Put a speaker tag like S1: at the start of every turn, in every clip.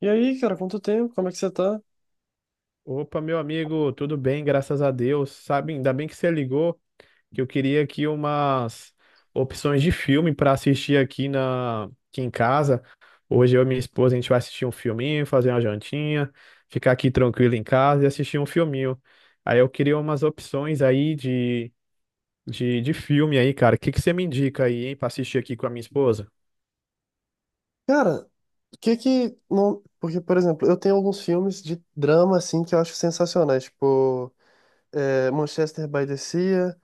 S1: E aí, cara, quanto tempo? Como é que você tá?
S2: Opa, meu amigo, tudo bem, graças a Deus. Sabe, ainda bem que você ligou, que eu queria aqui umas opções de filme para assistir aqui na aqui em casa. Hoje eu e minha esposa a gente vai assistir um filminho, fazer uma jantinha, ficar aqui tranquilo em casa e assistir um filminho. Aí eu queria umas opções aí de filme aí, cara. O que que você me indica aí, hein, para assistir aqui com a minha esposa?
S1: Cara, o que que. Não... Porque, por exemplo, eu tenho alguns filmes de drama, assim, que eu acho sensacionais. Tipo. Manchester by the Sea,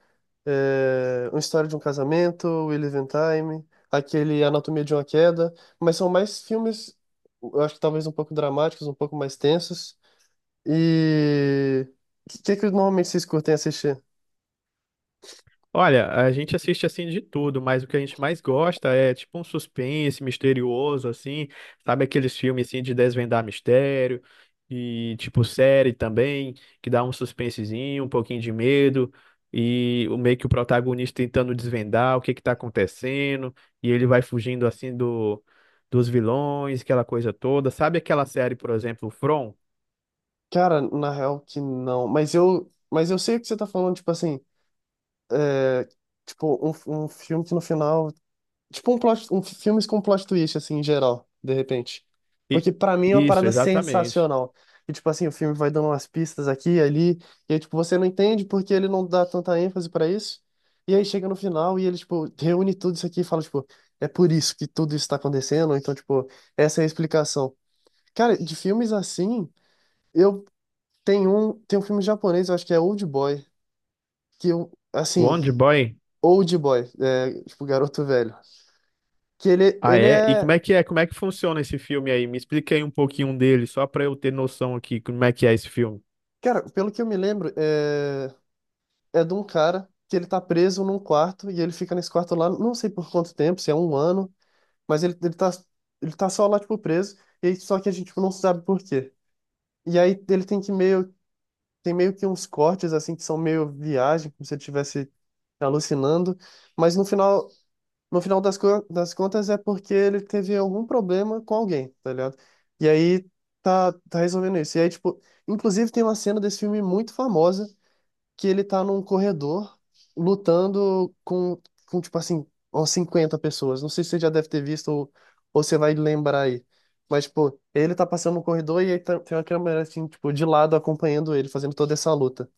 S1: Uma História de um Casamento, We Live in Time, aquele Anatomia de uma Queda, mas são mais filmes, eu acho que talvez um pouco dramáticos, um pouco mais tensos. E o que normalmente vocês curtem assistir?
S2: Olha, a gente assiste assim de tudo, mas o que a gente mais gosta é tipo um suspense misterioso, assim, sabe aqueles filmes assim de desvendar mistério e tipo série também, que dá um suspensezinho, um pouquinho de medo e o meio que o protagonista tentando desvendar o que que tá acontecendo e ele vai fugindo assim do dos vilões, aquela coisa toda. Sabe aquela série, por exemplo, From?
S1: Cara, na real que não, mas eu sei o que você tá falando, tipo assim, é, tipo um filme que no final. Tipo um plot, filmes com plot twist, assim, em geral, de repente.
S2: E,
S1: Porque pra mim é uma
S2: isso,
S1: parada
S2: exatamente.
S1: sensacional. E, tipo assim, o filme vai dando umas pistas aqui e ali, e aí, tipo, você não entende porque ele não dá tanta ênfase pra isso. E aí chega no final e ele, tipo, reúne tudo isso aqui e fala, tipo, é por isso que tudo isso tá acontecendo, então, tipo, essa é a explicação. Cara, de filmes assim, eu tenho um, tem um filme japonês, eu acho que é Old Boy, que eu, assim,
S2: Wonder Boy.
S1: Old Boy, é, tipo, garoto velho que ele,
S2: Ah,
S1: ele
S2: é? E
S1: é.
S2: como é que é? Como é que funciona esse filme aí? Me explica aí um pouquinho dele, só pra eu ter noção aqui como é que é esse filme.
S1: Cara, pelo que eu me lembro, é de um cara que ele tá preso num quarto e ele fica nesse quarto lá, não sei por quanto tempo, se é um ano, mas ele tá só lá, tipo, preso, só que a gente tipo, não sabe por quê. E aí ele tem tem meio que uns cortes, assim, que são meio viagem, como se ele estivesse alucinando, mas no final, no final das contas é porque ele teve algum problema com alguém, tá ligado? E aí tá resolvendo isso. E aí, tipo, inclusive tem uma cena desse filme muito famosa que ele tá num corredor lutando com tipo assim, umas 50 pessoas. Não sei se você já deve ter visto ou você vai lembrar aí. Mas, tipo, ele tá passando no corredor e aí tem uma câmera, assim, tipo, de lado acompanhando ele, fazendo toda essa luta.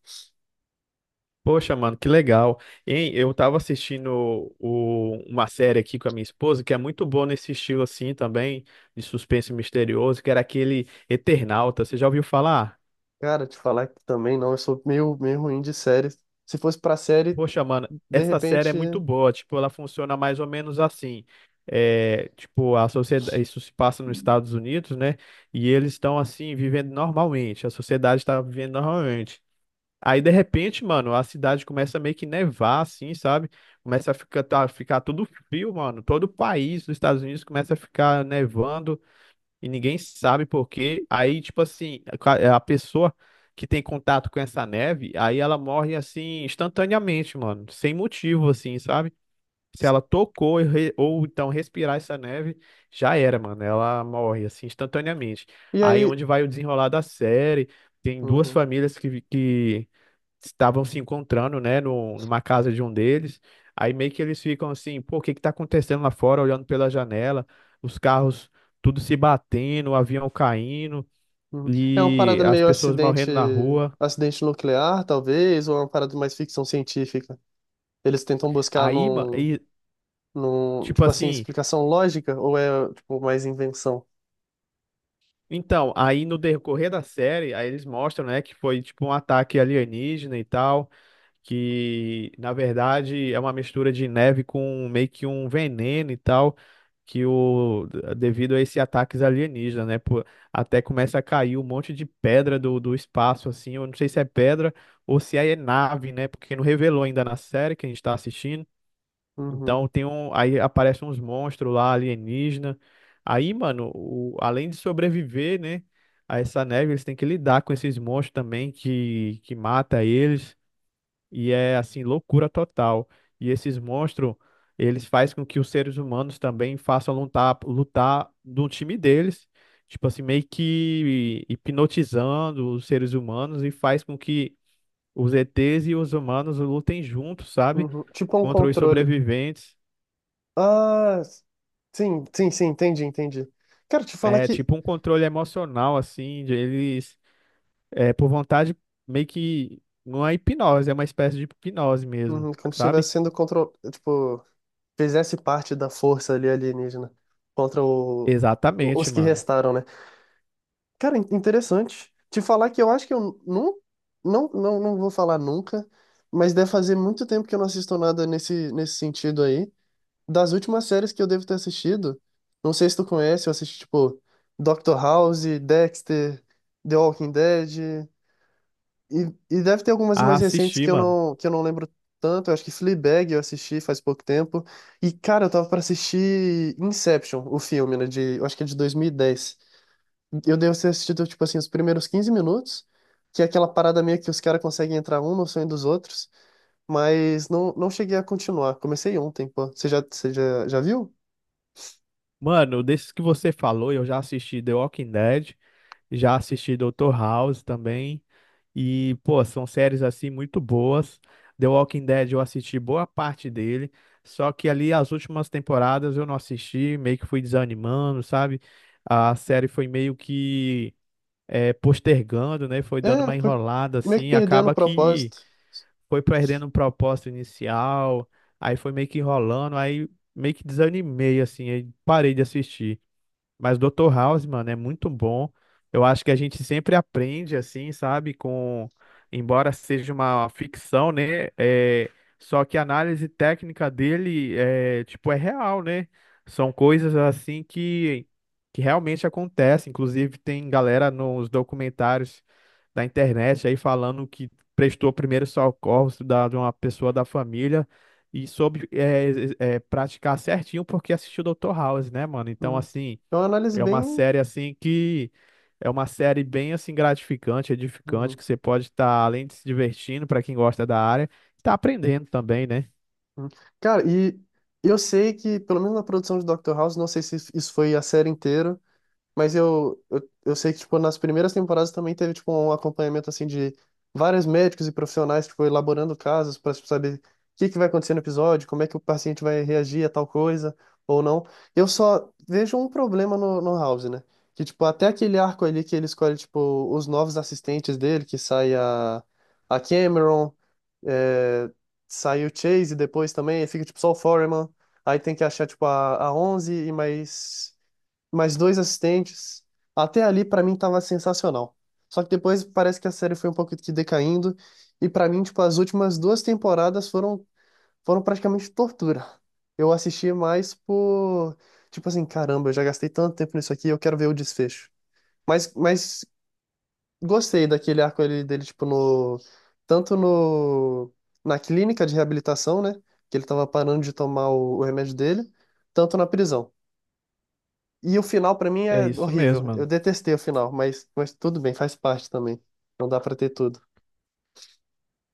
S2: Poxa, mano, que legal. Hein, eu tava assistindo uma série aqui com a minha esposa, que é muito boa nesse estilo assim também, de suspense misterioso, que era aquele Eternauta. Você já ouviu falar?
S1: Cara, te falar que também não, eu sou meio, meio ruim de série. Se fosse pra série,
S2: Poxa, mano,
S1: de
S2: essa série é
S1: repente.
S2: muito boa. Tipo, ela funciona mais ou menos assim. É, tipo, a sociedade, isso se passa nos Estados Unidos, né? E eles estão assim vivendo normalmente. A sociedade está vivendo normalmente. Aí, de repente, mano, a cidade começa a meio que nevar, assim, sabe? Começa a ficar, ficar tudo frio, mano. Todo o país dos Estados Unidos começa a ficar nevando e ninguém sabe por quê. Aí, tipo assim, a pessoa que tem contato com essa neve, aí ela morre assim instantaneamente, mano, sem motivo, assim, sabe? Se ela tocou e ou então respirar essa neve, já era, mano. Ela morre assim instantaneamente.
S1: E
S2: Aí
S1: aí.
S2: onde vai o desenrolar da série? Tem duas
S1: Uhum,
S2: famílias que estavam se encontrando, né, no, numa casa de um deles. Aí meio que eles ficam assim, pô, o que que tá acontecendo lá fora, olhando pela janela, os carros tudo se batendo, o avião caindo
S1: uhum. É uma
S2: e
S1: parada
S2: as
S1: meio
S2: pessoas
S1: acidente,
S2: morrendo na rua.
S1: acidente nuclear, talvez, ou é uma parada mais ficção científica. Eles tentam buscar
S2: Aí, ma- e,
S1: no
S2: tipo
S1: tipo assim,
S2: assim,
S1: explicação lógica ou é tipo mais invenção?
S2: Então, aí no decorrer da série, aí eles mostram, né, que foi tipo um ataque alienígena e tal, que na verdade é uma mistura de neve com meio que um veneno e tal, que o devido a esses ataques alienígenas, né, pô, até começa a cair um monte de pedra do espaço assim, eu não sei se é pedra ou se é nave, né, porque não revelou ainda na série que a gente está assistindo.
S1: Uhum,
S2: Aí aparecem uns monstros lá alienígena. Aí, mano, além de sobreviver, né, a essa neve, eles têm que lidar com esses monstros também que mata eles. E é assim, loucura total. E esses monstros, eles fazem com que os seres humanos também façam lutar, lutar do time deles. Tipo assim, meio que hipnotizando os seres humanos e faz com que os ETs e os humanos lutem juntos, sabe?
S1: uhum. Tipo um
S2: Contra os
S1: controle.
S2: sobreviventes.
S1: Ah, sim, sim, sim, entendi, entendi. Quero te falar
S2: É
S1: que
S2: tipo um controle emocional, assim, de eles, por vontade, meio que não é hipnose, é uma espécie de hipnose mesmo,
S1: uhum, quando
S2: sabe?
S1: estivesse sendo control, tipo, fizesse parte da força ali alienígena contra
S2: Exatamente,
S1: os que
S2: mano.
S1: restaram, né? Cara, interessante. Te falar que eu acho que eu não, não, não, não vou falar nunca, mas deve fazer muito tempo que eu não assisto nada nesse sentido aí. Das últimas séries que eu devo ter assistido, não sei se tu conhece, eu assisti, tipo, Doctor House, Dexter, The Walking Dead, e deve ter algumas
S2: Ah,
S1: mais recentes
S2: assisti, mano.
S1: que eu não lembro tanto, eu acho que Fleabag eu assisti faz pouco tempo, e, cara, eu tava pra assistir Inception, o filme, né, de, eu acho que é de 2010. Eu devo ter assistido, tipo assim, os primeiros 15 minutos, que é aquela parada meio que os caras conseguem entrar um no sonho dos outros, mas não cheguei a continuar, comecei ontem, pô. Já viu?
S2: Mano, desses que você falou, eu já assisti The Walking Dead, já assisti Dr. House também, e, pô, são séries assim muito boas. The Walking Dead eu assisti boa parte dele, só que ali as últimas temporadas eu não assisti, meio que fui desanimando, sabe? A série foi meio que postergando, né? Foi dando
S1: É,
S2: uma
S1: foi
S2: enrolada
S1: meio que
S2: assim,
S1: perdendo o
S2: acaba que
S1: propósito.
S2: foi perdendo o propósito inicial, aí foi meio que enrolando, aí meio que desanimei assim, aí parei de assistir. Mas Doutor House, mano, é muito bom. Eu acho que a gente sempre aprende, assim, sabe? Embora seja uma ficção, né? Só que a análise técnica dele é real, né? São coisas assim que realmente acontecem. Inclusive, tem galera nos documentários da internet aí falando que prestou primeiro socorros de uma pessoa da família e soube praticar certinho porque assistiu Doutor House, né, mano? Então,
S1: Uhum.
S2: assim.
S1: É uma análise
S2: É uma
S1: bem.
S2: série assim que é uma série bem assim gratificante, edificante,
S1: Uhum,
S2: que você pode estar além de se divertindo para quem gosta da área, tá aprendendo também, né?
S1: uhum. Cara, e eu sei que, pelo menos na produção de Dr. House, não sei se isso foi a série inteira. Mas eu sei que, tipo, nas primeiras temporadas também teve, tipo, um acompanhamento, assim, de vários médicos e profissionais, tipo, elaborando casos para saber o que que vai acontecer no episódio, como é que o paciente vai reagir a tal coisa ou não. Eu só vejo um problema no House, né? Que, tipo, até aquele arco ali que ele escolhe, tipo, os novos assistentes dele, que sai a Cameron, é, sai o Chase depois também, aí fica, tipo, só o Foreman, aí tem que achar, tipo, a 11 e mais dois assistentes. Até ali, pra mim, tava sensacional. Só que depois parece que a série foi um pouco que decaindo. E pra mim, tipo, as últimas duas temporadas foram praticamente tortura. Eu assisti mais por. Tipo assim, caramba, eu já gastei tanto tempo nisso aqui, eu quero ver o desfecho. Mas gostei daquele arco ali dele, tipo, no. Tanto no. Na clínica de reabilitação, né? Que ele tava parando de tomar o remédio dele, tanto na prisão. E o final pra mim
S2: É
S1: é
S2: isso mesmo,
S1: horrível. Eu
S2: mano.
S1: detestei o final, mas tudo bem, faz parte também. Não dá pra ter tudo.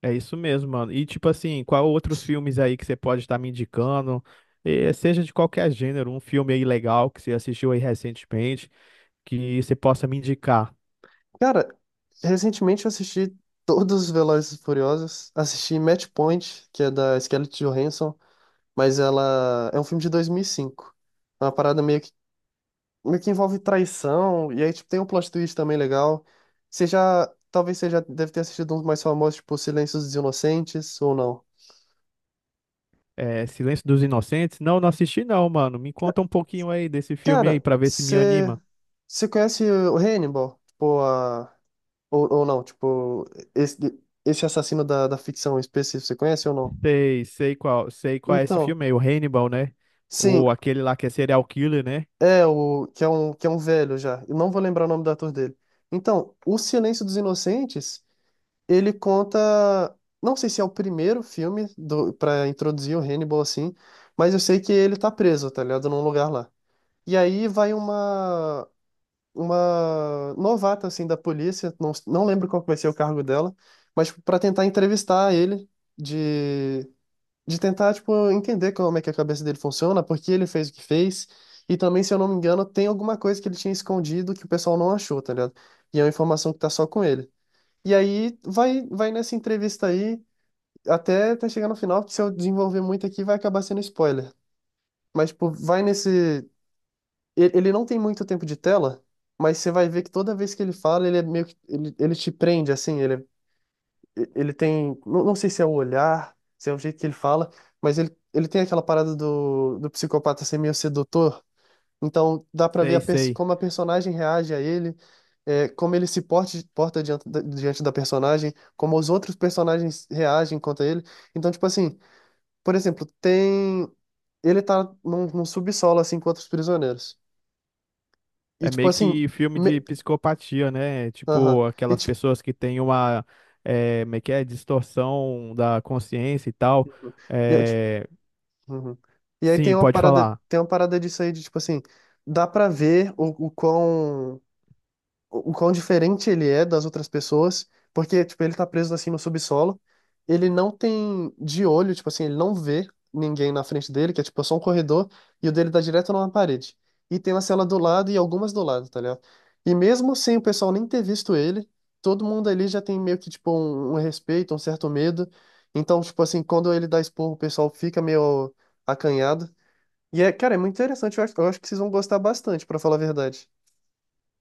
S2: É isso mesmo, mano. E tipo assim, qual outros filmes aí que você pode estar me indicando? Seja de qualquer gênero, um filme aí legal que você assistiu aí recentemente, que você possa me indicar.
S1: Cara, recentemente eu assisti todos os Velozes e Furiosos. Assisti Match Point, que é da Scarlett Johansson, mas ela é um filme de 2005. É uma parada meio que envolve traição, e aí tipo, tem um plot twist também legal. Você já, talvez você já deve ter assistido uns mais famosos, tipo Silêncios dos Inocentes, ou não.
S2: Silêncio dos Inocentes? Não, não assisti não, mano. Me conta um pouquinho aí desse filme aí
S1: Cara,
S2: para ver se me
S1: você,
S2: anima.
S1: você conhece o Hannibal? Tipo, a. Ou não, tipo, esse, esse assassino da ficção específica você conhece ou não?
S2: Sei qual, sei qual é esse
S1: Então,
S2: filme aí, o Hannibal, né?
S1: sim,
S2: Ou aquele lá que é serial killer, né?
S1: é o que é um velho já. Eu não vou lembrar o nome do ator dele. Então, O Silêncio dos Inocentes, ele conta, não sei se é o primeiro filme do para introduzir o Hannibal assim, mas eu sei que ele tá preso, tá ligado, num lugar lá. E aí vai uma novata assim da polícia, não lembro qual que vai ser o cargo dela, mas para tentar entrevistar ele de de tentar, tipo, entender como é que a cabeça dele funciona, por que ele fez o que fez, e também, se eu não me engano, tem alguma coisa que ele tinha escondido que o pessoal não achou, tá ligado? E é uma informação que tá só com ele. E aí vai nessa entrevista aí até chegar no final, porque se eu desenvolver muito aqui vai acabar sendo spoiler. Mas, tipo, vai nesse. Ele não tem muito tempo de tela, mas você vai ver que toda vez que ele fala, ele é meio que. Ele te prende, assim, ele é ele tem, não sei se é o olhar, se é o jeito que ele fala, mas ele tem aquela parada do psicopata ser meio sedutor, então dá pra ver
S2: Sei, sei.
S1: como a personagem reage a ele, é, como ele se porte- porta, diante da personagem, como os outros personagens reagem contra ele. Então, tipo assim, por exemplo, tem. Ele tá num subsolo, assim, com outros prisioneiros. E,
S2: É
S1: tipo
S2: meio
S1: assim.
S2: que filme
S1: Me...
S2: de psicopatia, né?
S1: Aham.
S2: Tipo,
S1: E,
S2: aquelas
S1: tipo,
S2: pessoas que têm uma, distorção da consciência e tal. É,
S1: uhum. E aí
S2: sim, pode falar.
S1: tem uma parada disso aí de tipo assim, dá pra ver o quão, o quão diferente ele é das outras pessoas, porque, tipo, ele tá preso assim no subsolo, ele não tem de olho, tipo assim, ele não vê ninguém na frente dele, que é tipo só um corredor, e o dele dá direto numa parede. E tem uma cela do lado e algumas do lado, tá ligado? E mesmo sem o pessoal nem ter visto ele, todo mundo ali já tem meio que, tipo, um respeito, um certo medo. Então, tipo assim, quando ele dá esporro, o pessoal fica meio acanhado. E é, cara, é muito interessante, eu acho que vocês vão gostar bastante, pra falar a verdade.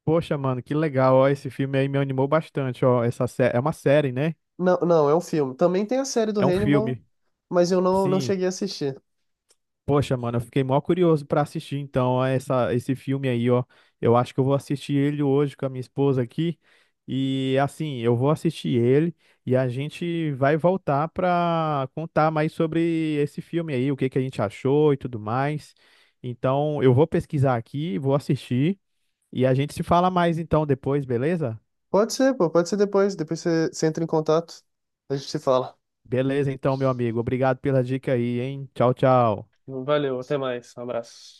S2: Poxa, mano, que legal, ó, esse filme aí me animou bastante, ó. É uma série, né?
S1: Não, não, é um filme. Também tem a série do
S2: É um
S1: Hannibal,
S2: filme.
S1: mas eu não, não
S2: Sim.
S1: cheguei a assistir.
S2: Poxa, mano, eu fiquei mó curioso pra assistir então esse filme aí, ó. Eu acho que eu vou assistir ele hoje com a minha esposa aqui. E assim, eu vou assistir ele e a gente vai voltar pra contar mais sobre esse filme aí, o que que a gente achou e tudo mais. Então, eu vou pesquisar aqui, vou assistir e a gente se fala mais então depois, beleza?
S1: Pode ser, pô, pode ser depois. Depois você entra em contato, a gente se fala.
S2: Beleza, então, meu amigo. Obrigado pela dica aí, hein? Tchau, tchau.
S1: Valeu, até mais. Um abraço.